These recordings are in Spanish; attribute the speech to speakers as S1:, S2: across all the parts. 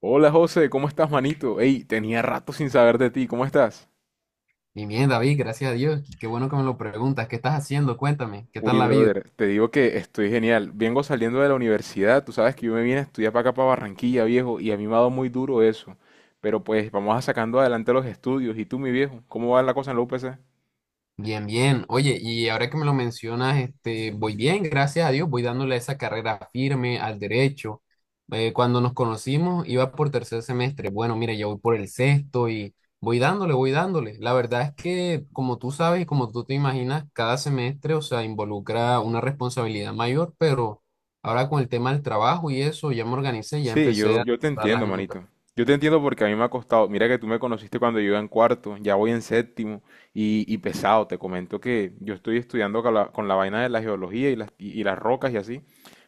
S1: Hola José, ¿cómo estás, manito? Ey, tenía rato sin saber de ti, ¿cómo estás?
S2: Y bien, David, gracias a Dios. Qué bueno que me lo preguntas. ¿Qué estás haciendo? Cuéntame, ¿qué
S1: Uy,
S2: tal la vida?
S1: brother, te digo que estoy genial. Vengo saliendo de la universidad, tú sabes que yo me vine a estudiar para acá, para Barranquilla, viejo, y a mí me ha dado muy duro eso. Pero pues vamos a sacando adelante los estudios. ¿Y tú, mi viejo? ¿Cómo va la cosa en la UPC?
S2: Bien, bien. Oye, y ahora que me lo mencionas, voy bien, gracias a Dios. Voy dándole esa carrera firme al derecho. Cuando nos conocimos, iba por tercer semestre. Bueno, mira, yo voy por el sexto y voy dándole, voy dándole. La verdad es que, como tú sabes y como tú te imaginas, cada semestre, o sea, involucra una responsabilidad mayor, pero ahora con el tema del trabajo y eso, ya me organicé, ya
S1: Sí,
S2: empecé
S1: yo,
S2: a
S1: yo te
S2: dar las
S1: entiendo,
S2: notas.
S1: manito. Yo te entiendo porque a mí me ha costado. Mira que tú me conociste cuando yo iba en cuarto, ya voy en séptimo y pesado. Te comento que yo estoy estudiando con con la vaina de la geología y y las rocas y así.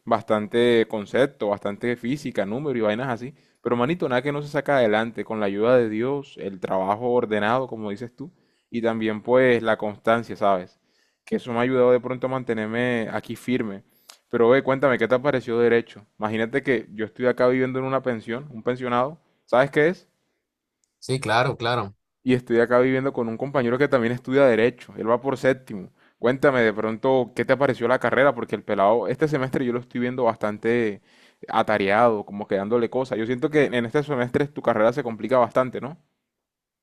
S1: Bastante concepto, bastante física, número y vainas así. Pero, manito, nada que no se saca adelante con la ayuda de Dios, el trabajo ordenado, como dices tú, y también pues la constancia, ¿sabes? Que eso me ha ayudado de pronto a mantenerme aquí firme. Pero ve, cuéntame, ¿qué te pareció derecho? Imagínate que yo estoy acá viviendo en una pensión, un pensionado, ¿sabes qué es?
S2: Sí, claro, claro.
S1: Y estoy acá viviendo con un compañero que también estudia derecho, él va por séptimo. Cuéntame de pronto, ¿qué te pareció la carrera? Porque el pelado, este semestre yo lo estoy viendo bastante atareado, como quedándole cosas. Yo siento que en este semestre tu carrera se complica bastante, ¿no?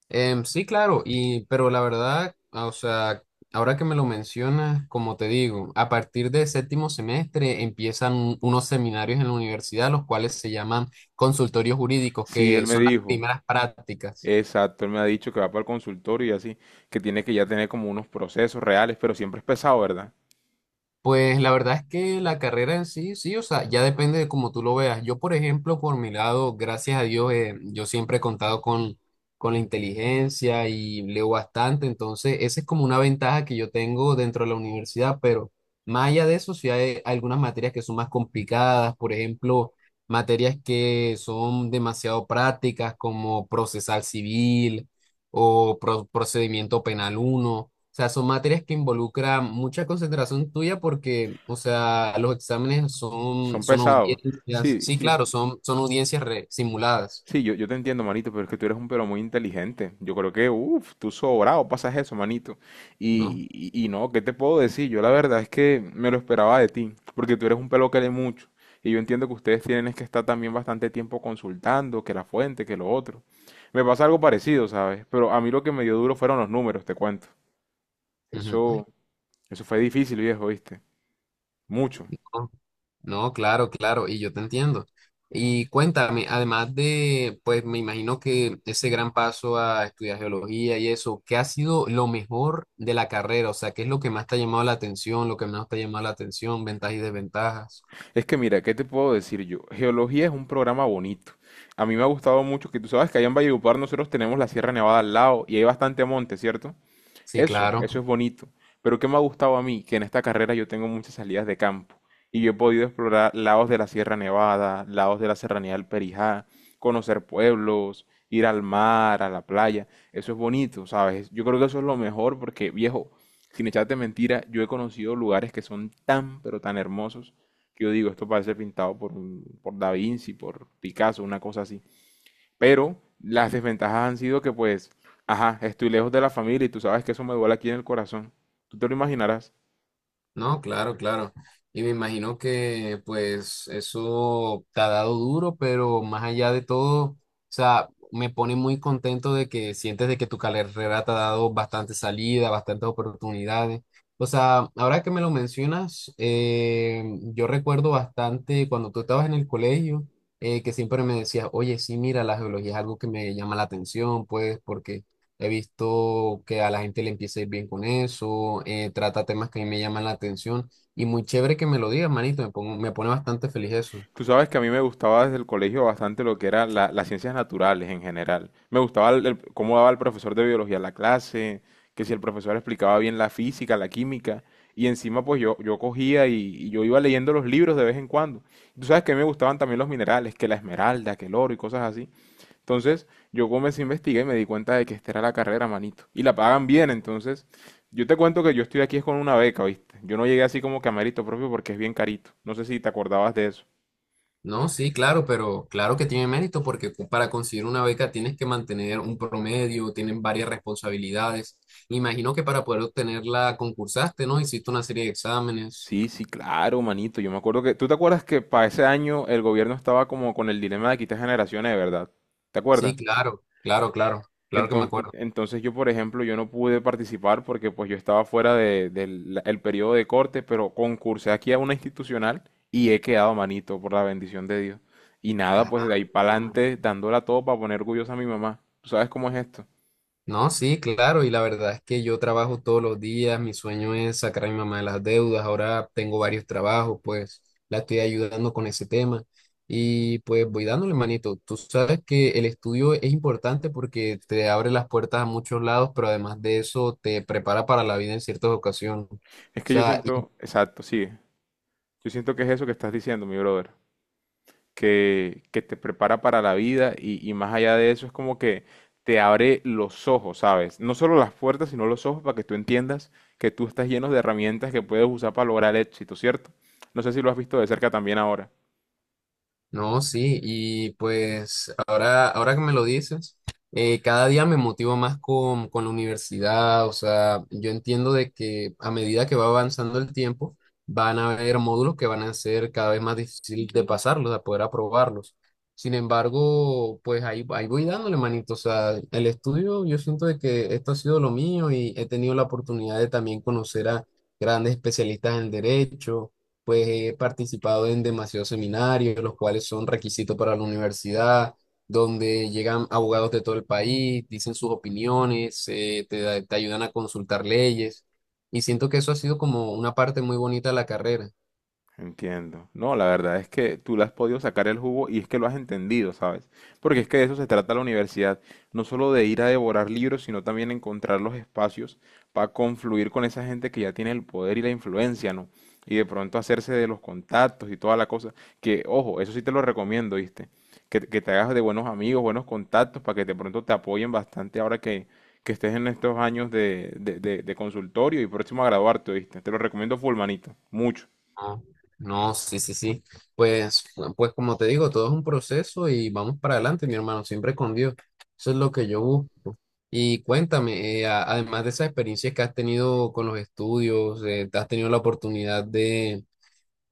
S2: Sí, claro, pero la verdad, o sea, ahora que me lo mencionas, como te digo, a partir de séptimo semestre empiezan unos seminarios en la universidad, los cuales se llaman consultorios jurídicos,
S1: Sí, él
S2: que
S1: me
S2: son las
S1: dijo,
S2: primeras prácticas.
S1: exacto, él me ha dicho que va para el consultorio y así, que tiene que ya tener como unos procesos reales, pero siempre es pesado, ¿verdad?
S2: Pues la verdad es que la carrera en sí, sí, o sea, ya depende de cómo tú lo veas. Yo, por ejemplo, por mi lado, gracias a Dios, yo siempre he contado con la inteligencia y leo bastante, entonces esa es como una ventaja que yo tengo dentro de la universidad, pero más allá de eso, sí hay algunas materias que son más complicadas, por ejemplo, materias que son demasiado prácticas como procesal civil o procedimiento penal uno sea, son materias que involucran mucha concentración tuya porque, o sea, los exámenes
S1: Son
S2: son
S1: pesados.
S2: audiencias.
S1: Sí,
S2: Sí,
S1: sí.
S2: claro, son audiencias simuladas,
S1: Sí, yo te entiendo, manito, pero es que tú eres un pero muy inteligente. Yo creo que, uff, tú sobrado pasas eso, manito.
S2: ¿no?
S1: Y, y no, ¿qué te puedo decir? Yo la verdad es que me lo esperaba de ti, porque tú eres un pelo que lee mucho. Y yo entiendo que ustedes tienen es que estar también bastante tiempo consultando, que la fuente, que lo otro. Me pasa algo parecido, ¿sabes? Pero a mí lo que me dio duro fueron los números, te cuento.
S2: Ujú.
S1: Eso, eso fue difícil, viejo, ¿viste? Mucho.
S2: No, no, claro, claro, y yo te entiendo. Y cuéntame, además de, pues me imagino que ese gran paso a estudiar geología y eso, ¿qué ha sido lo mejor de la carrera? O sea, ¿qué es lo que más te ha llamado la atención, lo que menos te ha llamado la atención, ventajas y desventajas?
S1: Es que mira, ¿qué te puedo decir yo? Geología es un programa bonito. A mí me ha gustado mucho que tú sabes que allá en Valledupar nosotros tenemos la Sierra Nevada al lado y hay bastante monte, ¿cierto?
S2: Sí,
S1: Eso,
S2: claro.
S1: eso es bonito. Pero ¿qué me ha gustado a mí? Que en esta carrera yo tengo muchas salidas de campo y yo he podido explorar lados de la Sierra Nevada, lados de la Serranía del Perijá, conocer pueblos, ir al mar, a la playa. Eso es bonito, ¿sabes? Yo creo que eso es lo mejor porque, viejo, sin echarte mentira, yo he conocido lugares que son tan, pero tan hermosos que yo digo, esto parece pintado por Da Vinci, por Picasso, una cosa así. Pero las desventajas han sido que pues, ajá, estoy lejos de la familia y tú sabes que eso me duele aquí en el corazón. Tú te lo imaginarás.
S2: No, claro, claro. Y me imagino que pues eso te ha dado duro, pero más allá de todo, o sea, me pone muy contento de que sientes de que tu carrera te ha dado bastante salida, bastantes oportunidades. O sea, ahora que me lo mencionas, yo recuerdo bastante cuando tú estabas en el colegio, que siempre me decías, oye, sí, mira, la geología es algo que me llama la atención, pues, porque he visto que a la gente le empieza a ir bien con eso, trata temas que a mí me llaman la atención y muy chévere que me lo digas, manito, me pone bastante feliz eso.
S1: Tú sabes que a mí me gustaba desde el colegio bastante lo que eran las ciencias naturales en general. Me gustaba cómo daba el profesor de biología la clase, que si el profesor explicaba bien la física, la química. Y encima pues yo cogía y yo iba leyendo los libros de vez en cuando. Tú sabes que a mí me gustaban también los minerales, que la esmeralda, que el oro y cosas así. Entonces, yo comencé a investigar y me di cuenta de que esta era la carrera, manito. Y la pagan bien, entonces, yo te cuento que yo estoy aquí es con una beca, ¿viste? Yo no llegué así como que a mérito propio porque es bien carito. No sé si te acordabas de eso.
S2: No, sí, claro, pero claro que tiene mérito porque para conseguir una beca tienes que mantener un promedio, tienen varias responsabilidades. Imagino que para poder obtenerla concursaste, ¿no? Hiciste una serie de exámenes.
S1: Sí, sí, claro, manito. Yo me acuerdo que... ¿Tú te acuerdas que para ese año el gobierno estaba como con el dilema de quitar generaciones, de verdad? ¿Te
S2: Sí,
S1: acuerdas?
S2: claro, claro, claro, claro que me
S1: Enton- en-
S2: acuerdo.
S1: Entonces, yo, por ejemplo, yo no pude participar porque pues yo estaba fuera el periodo de corte, pero concursé aquí a una institucional y he quedado manito por la bendición de Dios. Y nada,
S2: Ah,
S1: pues de ahí para adelante dándola todo para poner orgullosa a mi mamá. ¿Tú sabes cómo es esto?
S2: no, sí, claro, y la verdad es que yo trabajo todos los días, mi sueño es sacar a mi mamá de las deudas, ahora tengo varios trabajos, pues la estoy ayudando con ese tema y pues voy dándole manito. Tú sabes que el estudio es importante porque te abre las puertas a muchos lados, pero además de eso te prepara para la vida en ciertas ocasiones. O
S1: Es que yo
S2: sea, y
S1: siento, exacto, sí. Yo siento que es eso que estás diciendo, mi brother. Que te prepara para la vida y más allá de eso es como que te abre los ojos, ¿sabes? No solo las puertas, sino los ojos para que tú entiendas que tú estás lleno de herramientas que puedes usar para lograr el éxito, ¿cierto? No sé si lo has visto de cerca también ahora.
S2: no, sí, y pues ahora que me lo dices, cada día me motivo más con la universidad, o sea, yo entiendo de que a medida que va avanzando el tiempo, van a haber módulos que van a ser cada vez más difícil de pasarlos, de poder aprobarlos. Sin embargo, pues ahí voy dándole manito, o sea, el estudio, yo siento de que esto ha sido lo mío y he tenido la oportunidad de también conocer a grandes especialistas en derecho, pues he participado en demasiados seminarios, los cuales son requisitos para la universidad, donde llegan abogados de todo el país, dicen sus opiniones, te, te ayudan a consultar leyes, y siento que eso ha sido como una parte muy bonita de la carrera.
S1: Entiendo. No, la verdad es que tú le has podido sacar el jugo y es que lo has entendido, ¿sabes? Porque es que de eso se trata la universidad, no solo de ir a devorar libros, sino también encontrar los espacios para confluir con esa gente que ya tiene el poder y la influencia, ¿no? Y de pronto hacerse de los contactos y toda la cosa. Que, ojo, eso sí te lo recomiendo, ¿viste? Que te hagas de buenos amigos, buenos contactos, para que de pronto te apoyen bastante ahora que estés en estos años de consultorio y próximo a graduarte, ¿viste? Te lo recomiendo full, manito, mucho.
S2: No, no, sí, sí, sí. Pues, pues como te digo, todo es un proceso y vamos para adelante, mi hermano, siempre con Dios. Eso es lo que yo busco. Y cuéntame, además de esas experiencias que has tenido con los estudios, ¿te has tenido la oportunidad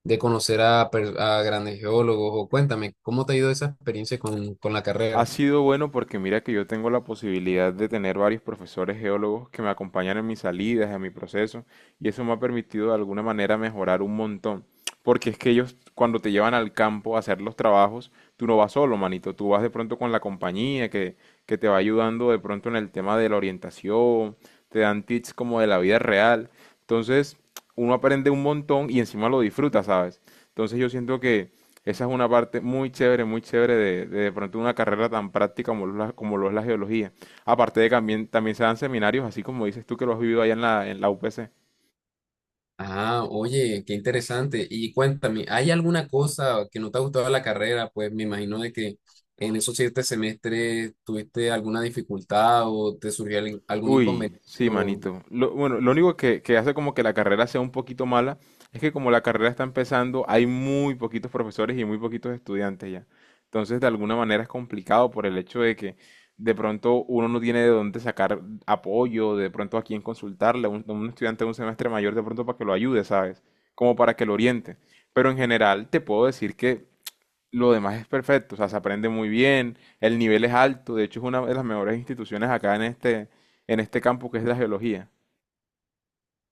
S2: de conocer a grandes geólogos? O cuéntame, ¿cómo te ha ido esa experiencia con la
S1: Ha
S2: carrera?
S1: sido bueno porque mira que yo tengo la posibilidad de tener varios profesores geólogos que me acompañan en mis salidas, en mi proceso, y eso me ha permitido de alguna manera mejorar un montón. Porque es que ellos cuando te llevan al campo a hacer los trabajos, tú no vas solo, manito, tú vas de pronto con la compañía que te va ayudando de pronto en el tema de la orientación, te dan tips como de la vida real. Entonces, uno aprende un montón y encima lo disfruta, ¿sabes? Entonces yo siento que esa es una parte muy chévere de pronto una carrera tan práctica como, como lo es la geología. Aparte de que también, también se dan seminarios, así como dices tú que lo has vivido allá en en la U P C
S2: Ah, oye, qué interesante. Y cuéntame, ¿hay alguna cosa que no te ha gustado de la carrera? Pues me imagino de que en esos siete semestres tuviste alguna dificultad o te surgió algún
S1: Uy,
S2: inconveniente.
S1: sí, manito. Bueno, lo único que hace como que la carrera sea un poquito mala es que como la carrera está empezando, hay muy poquitos profesores y muy poquitos estudiantes ya. Entonces, de alguna manera es complicado por el hecho de que de pronto uno no tiene de dónde sacar apoyo, de pronto a quién consultarle, un estudiante de un semestre mayor de pronto para que lo ayude, ¿sabes? Como para que lo oriente. Pero en general te puedo decir que lo demás es perfecto, o sea, se aprende muy bien, el nivel es alto, de hecho es una de las mejores instituciones acá en en este campo que es la geología.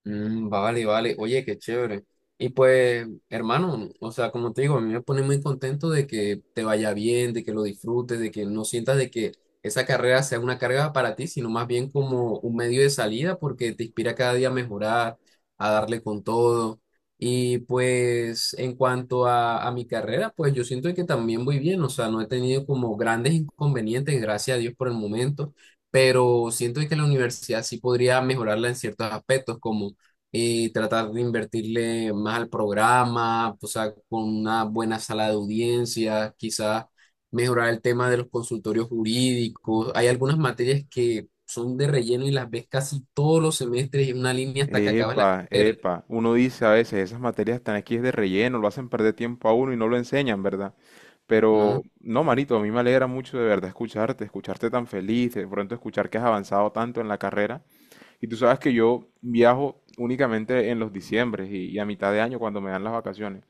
S2: Mm, vale, vale. Oye, qué chévere. Y pues, hermano, o sea, como te digo, a mí me pone muy contento de que te vaya bien, de que lo disfrutes, de que no sientas de que esa carrera sea una carga para ti, sino más bien como un medio de salida porque te inspira cada día a mejorar, a darle con todo. Y pues, en cuanto a mi carrera, pues yo siento que también voy bien, o sea, no he tenido como grandes inconvenientes, gracias a Dios por el momento, pero siento que la universidad sí podría mejorarla en ciertos aspectos, como y tratar de invertirle más al programa, o sea, con una buena sala de audiencias, quizás mejorar el tema de los consultorios jurídicos. Hay algunas materias que son de relleno y las ves casi todos los semestres y en una línea hasta que acabas la
S1: Epa,
S2: carrera,
S1: epa, uno dice a veces, esas materias están aquí es de relleno, lo hacen perder tiempo a uno y no lo enseñan, ¿verdad? Pero
S2: ¿no?
S1: no, manito, a mí me alegra mucho de verdad escucharte, escucharte tan feliz, de pronto escuchar que has avanzado tanto en la carrera. Y tú sabes que yo viajo únicamente en los diciembres y a mitad de año cuando me dan las vacaciones.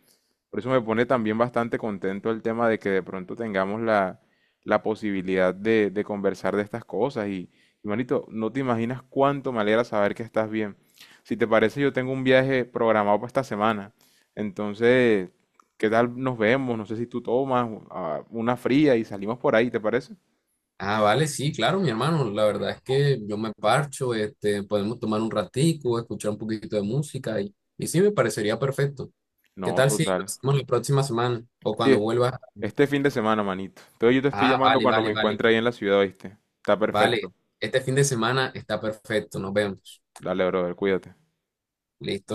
S1: Por eso me pone también bastante contento el tema de que de pronto tengamos la posibilidad de conversar de estas cosas. Y, manito, no te imaginas cuánto me alegra saber que estás bien. Si te parece, yo tengo un viaje programado para esta semana. Entonces, ¿qué tal nos vemos? No sé si tú tomas una fría y salimos por ahí, ¿te parece?
S2: Ah, vale, sí, claro, mi hermano. La verdad es que yo me parcho, podemos tomar un ratico, escuchar un poquito de música y sí, me parecería perfecto.
S1: No,
S2: ¿Qué tal si lo
S1: total.
S2: hacemos la próxima semana o
S1: Sí,
S2: cuando
S1: es-
S2: vuelvas?
S1: este fin de semana, manito. Entonces yo te estoy
S2: Ah,
S1: llamando
S2: vale,
S1: cuando me
S2: vale, vale.
S1: encuentre ahí en la ciudad, ¿viste? Está
S2: Vale,
S1: perfecto.
S2: este fin de semana está perfecto, nos vemos.
S1: Dale, brother, cuídate.
S2: Listo.